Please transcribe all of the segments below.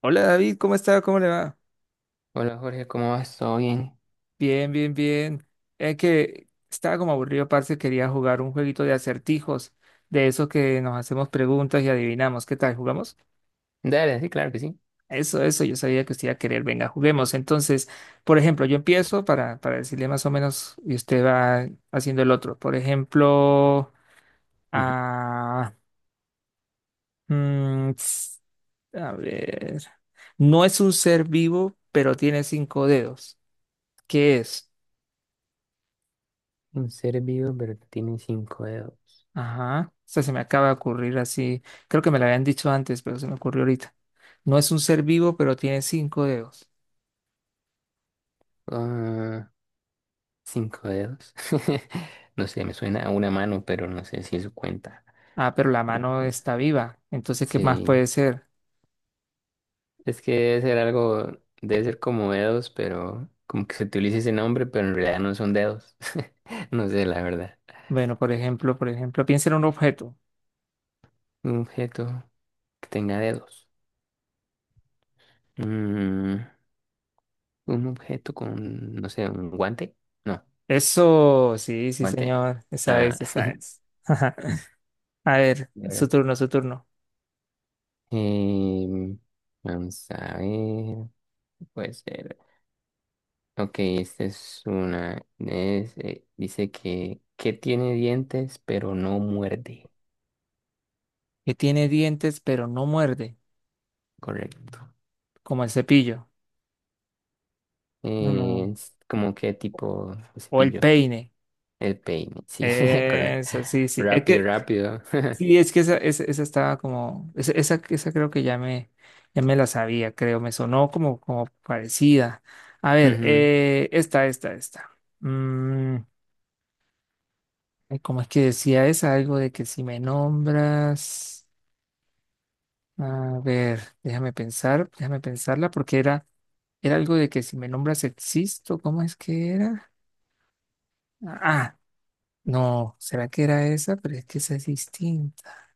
Hola David, ¿cómo está? ¿Cómo le va? Hola Jorge, ¿cómo vas? ¿Todo bien? Bien, bien, bien. Es que estaba como aburrido, parce, quería jugar un jueguito de acertijos, de esos que nos hacemos preguntas y adivinamos. ¿Qué tal? ¿Jugamos? Dale, sí, claro que sí. Eso, yo sabía que usted iba a querer. Venga, juguemos. Entonces, por ejemplo, yo empiezo para decirle más o menos y usted va haciendo el otro. Por ejemplo, Ujú. ah, mm, ts- a ver, no es un ser vivo, pero tiene cinco dedos. ¿Qué es? Un ser vivo, pero que tiene cinco dedos. Ajá. O sea, se me acaba de ocurrir así. Creo que me lo habían dicho antes, pero se me ocurrió ahorita. No es un ser vivo, pero tiene cinco dedos. Ah, cinco dedos. No sé, me suena a una mano, pero no sé si eso cuenta. Ah, pero la mano está viva. Entonces, ¿qué más Sí, puede ser? es que debe ser algo, debe ser como dedos, pero como que se utiliza ese nombre, pero en realidad no son dedos. No sé, la verdad. Bueno, por ejemplo, piensa en un objeto. Un objeto que tenga dedos. Mm, un objeto con, no sé, un guante. No, Eso, sí, sí, guante. señor. Esa Ah. es, esa es. A ver, su Vale. turno, su turno. Em, vamos a ver, puede ser. Ok, esta es una. Es, dice que tiene dientes, pero no muerde. Que tiene dientes, pero no muerde, Correcto. como el cepillo. No. Es como que tipo O el cepillo. peine. El peine, sí, correcto. Eso, sí, sí. Es Rápido, que rápido. sí, es que esa estaba como, esa creo que ya me la sabía, creo, me sonó como, como parecida. A ver, Ujú, esta. Mm, ay, ¿cómo es que decía esa? Algo de que si me nombras, a ver, déjame pensar, déjame pensarla, porque era, era algo de que si me nombras existo, ¿cómo es que era? Ah, ah, no, ¿será que era esa? Pero es que esa es distinta.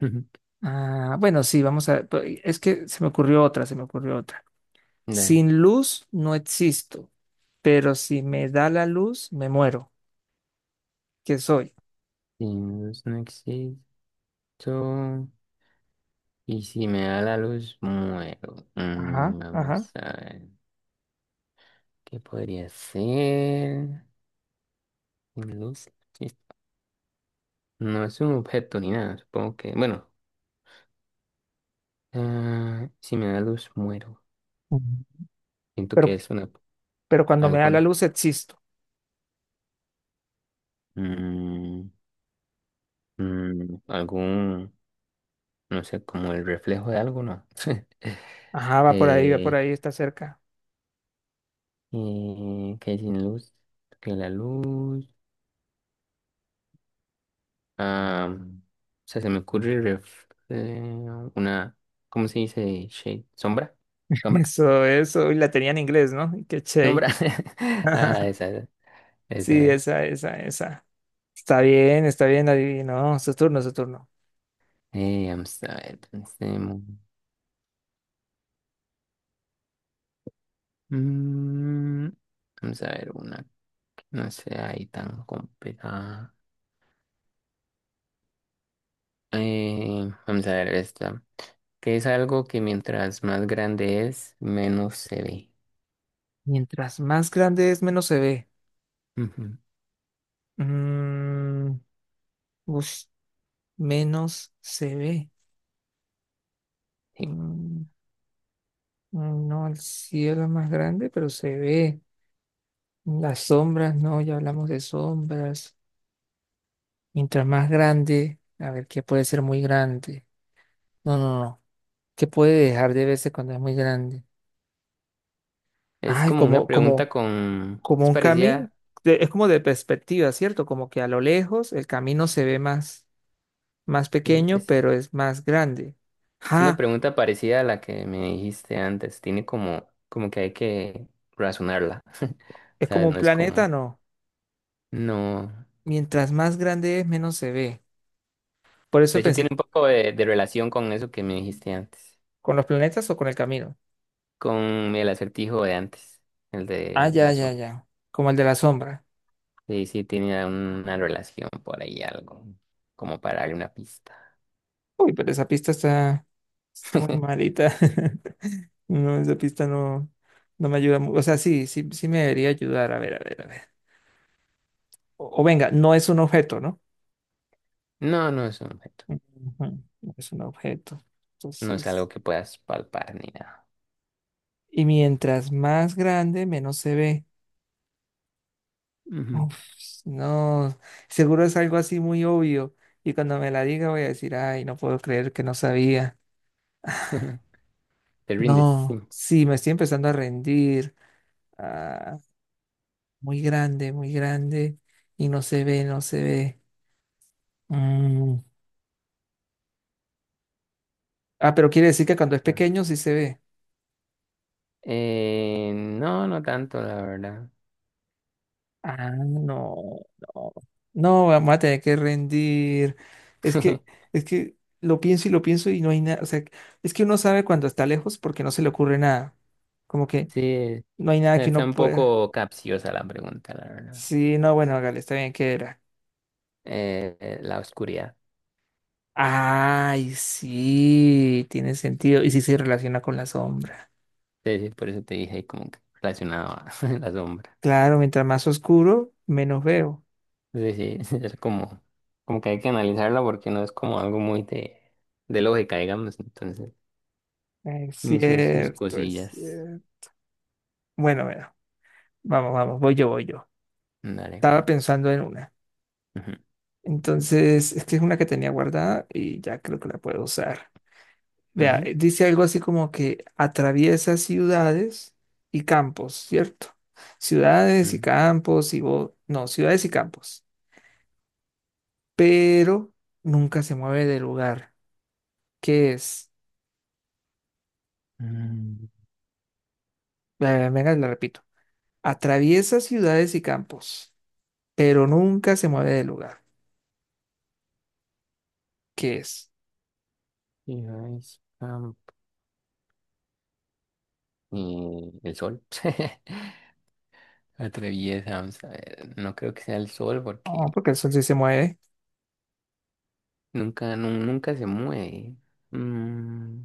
ujú. Ah, bueno, sí, vamos a, pues, es que se me ocurrió otra, se me ocurrió otra. Dale. Sin luz no existo, pero si me da la luz, me muero. ¿Qué soy? Sin luz no existo. Y si me da la luz, muero. Ajá, Mm, vamos ajá. a ver. ¿Qué podría ser? Sin luz, sí. No es un objeto ni nada, supongo que. Bueno, ah, si me da luz, muero. Mm. Siento que Pero, es una, pero cuando me algo da la con. luz, existo. mm, algún. No sé, como el reflejo de algo, ¿no? Ajá, va por eh, ahí, está cerca. Que sin luz, que la luz. Ah, o sea, se me ocurre una. ¿Cómo se dice? Shade. ¿Sombra? ¿Sombra? Eso, eso. Y la tenía en inglés, ¿no? Qué chévere. ¿Sombra? Ah, esa, Sí, esa. esa, esa, esa. Está bien, adivino. Su turno, su turno. Vamos a ver, pensemos. Mm, vamos a ver una que no sea ahí tan complicada. Vamos a ver esta. Que es algo que mientras más grande es, menos se ve. Mientras más grande es, menos se ve. Ujú, Mm, ush, menos se ve. sí. Mm, No, el cielo es más grande, pero se ve. Las sombras, no, ya hablamos de sombras. Mientras más grande, a ver, ¿qué puede ser muy grande? No, no, no. ¿Qué puede dejar de verse cuando es muy grande? Es Ay, como una como, pregunta como, con… como Es un camino. parecida… Es como de perspectiva, ¿cierto? Como que a lo lejos el camino se ve más, más eh, pequeño, es, pero es más grande. es una Ah, pregunta parecida a la que me dijiste antes. Tiene como, como que hay que razonarla. es como ¿Sabes? un No es planeta, como… no. No. Mientras más grande es, menos se ve. Por eso De hecho, tiene pensé, un poco de relación con eso que me dijiste antes, ¿con los planetas o con el camino? con el acertijo de antes, el Ah, de ya, la ya, sombra. ya. Como el de la sombra. Sí, sí, tiene una relación por ahí, algo como para darle una pista. Uy, pero esa pista está, está muy malita. No, esa pista no, no me ayuda mucho. O sea, sí, sí, sí me debería ayudar. A ver, a ver, a ver. O venga, no es un objeto, ¿no? No, no es un objeto, Ujú, no es un objeto. no es Entonces, algo que puedas palpar ni nada. y mientras más grande, menos se ve. Ujú. Uf, no, seguro es algo así muy obvio. Y cuando me la diga voy a decir, ay, no puedo creer que no sabía. Te rindes, No, sí. sí, me estoy empezando a rendir. Ah, muy grande, muy grande y no se ve, no se ve. Mm. Ah, pero quiere decir que cuando es pequeño sí se ve. No, no tanto, la verdad. Ah, no, no. No, vamos a tener que rendir. Es que, es que lo pienso y no hay nada. O sea, es que uno sabe cuando está lejos porque no se le ocurre nada. Como que Sí, no hay nada que está uno un pueda. poco capciosa la pregunta, la verdad. Sí, no, bueno, hágale, está bien que era. La oscuridad. Ay, sí, tiene sentido. Y sí se relaciona con la sombra. Sí, sí, por eso te dije ahí como que relacionado a la sombra. Claro, mientras más oscuro, menos veo. Sí, sí, es como, como que hay que analizarla porque no es como algo muy de lógica, digamos. Entonces, Es ni sus cierto, es cosillas. cierto. Bueno, bueno, vamos, vamos, voy yo, voy yo. Dale. Estaba pensando en una. Ujú, Entonces, es que es una que tenía guardada y ya creo que la puedo usar. Vea, ujú, dice algo así como que atraviesa ciudades y campos, ¿cierto? Ciudades y ujú. campos no, ciudades y campos. Pero nunca se mueve de lugar. ¿Qué es? Mm, Venga, la repito. Atraviesa ciudades y campos, pero nunca se mueve de lugar. ¿Qué es? y ahí está. Y el sol. Atraviesa, vamos a ver. No creo que sea el sol porque No, porque el sol sí se mueve. nunca, nunca se mueve. Mm,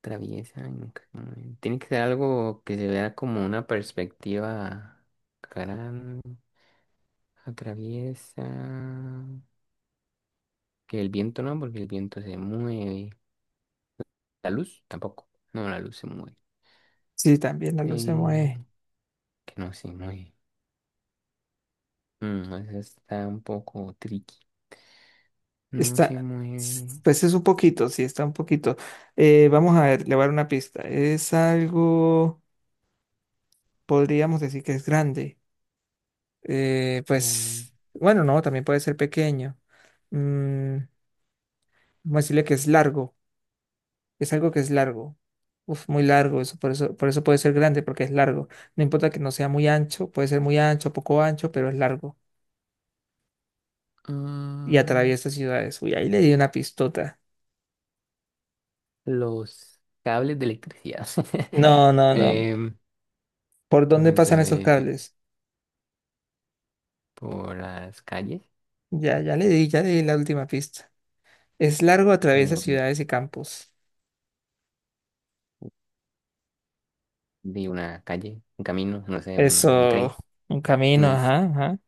traviesa y tiene que ser algo que se vea como una perspectiva gran, atraviesa. Que el viento no, porque el viento se mueve. La luz tampoco. No, la luz se mueve. Sí, también la luz se mueve. Eh, que no se mueve. Mm, esa está un poco tricky. No se Está, mueve. pues es un poquito, sí, está un poquito. Vamos a ver, le voy a dar una pista. Es algo, podríamos decir que es grande. La- Pues, bueno, no, también puede ser pequeño. Mm, vamos a decirle que es largo. Es algo que es largo. Uf, muy largo, eso, por eso puede ser grande, porque es largo. No importa que no sea muy ancho, puede ser muy ancho, poco ancho, pero es largo. Y Ah, atraviesa ciudades. Uy, ahí le di una pistota. los cables de electricidad. No, no, no. Em, ¿Por dónde vamos pasan a esos ver cables? por las calles. Ya, ya le di la última pista. Es largo, atraviesa em, ciudades y campos. de una calle, un camino, no sé, un Eso, tren, un camino, unas, ajá, ajá.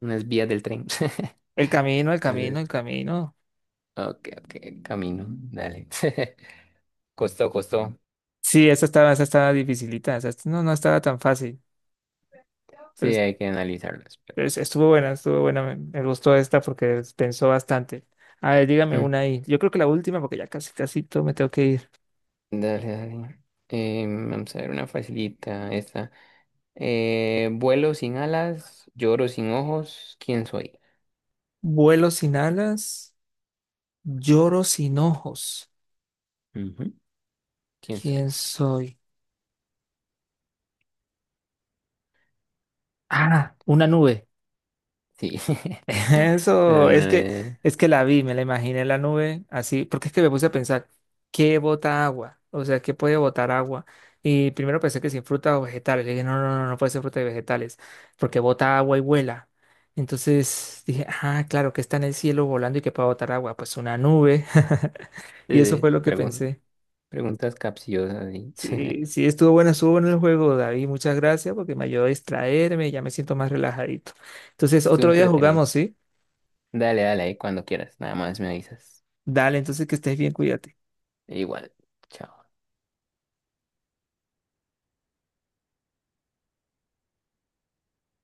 unas vías del tren. El camino, el Eh, camino, el camino. ok, ok, camino, dale. Costó, costó. Sí, esa estaba dificilita, no, no estaba tan fácil. Sí, Pero es- hay que analizarlas, pero… Estuvo buena, estuvo buena. Me gustó esta porque pensó bastante. A ver, dígame Mm, una ahí. Yo creo que la última, porque ya casi, casi todo me tengo que ir. dale, dale. Vamos a ver una facilita, esta. Vuelo sin alas, lloro sin ojos, ¿quién soy? Vuelo sin alas, lloro sin ojos. Ujú, ¿quién soy? ¿Quién soy? Ah, una nube. Sí. Eso, Eh, es que la vi, me la imaginé la nube así, porque es que me puse a pensar, ¿qué bota agua? O sea, ¿qué puede botar agua? Y primero pensé que sin fruta o vegetales. Le dije, no, no, no, no puede ser fruta y vegetales, porque bota agua y vuela. Entonces dije, ah, claro, que está en el cielo volando y que puede botar agua. Pues una nube. sí, Y eso sí, fue lo que pensé. preguntas capciosas, sí. Sí, sí, estuvo bueno el juego, David. Muchas gracias porque me ayudó a distraerme y ya me siento más relajadito. Entonces, Estuvo otro día entretenido. jugamos, ¿sí? Dale, dale, ahí cuando quieras. Nada más me avisas. Dale, entonces que estés bien, cuídate. Igual. Chao.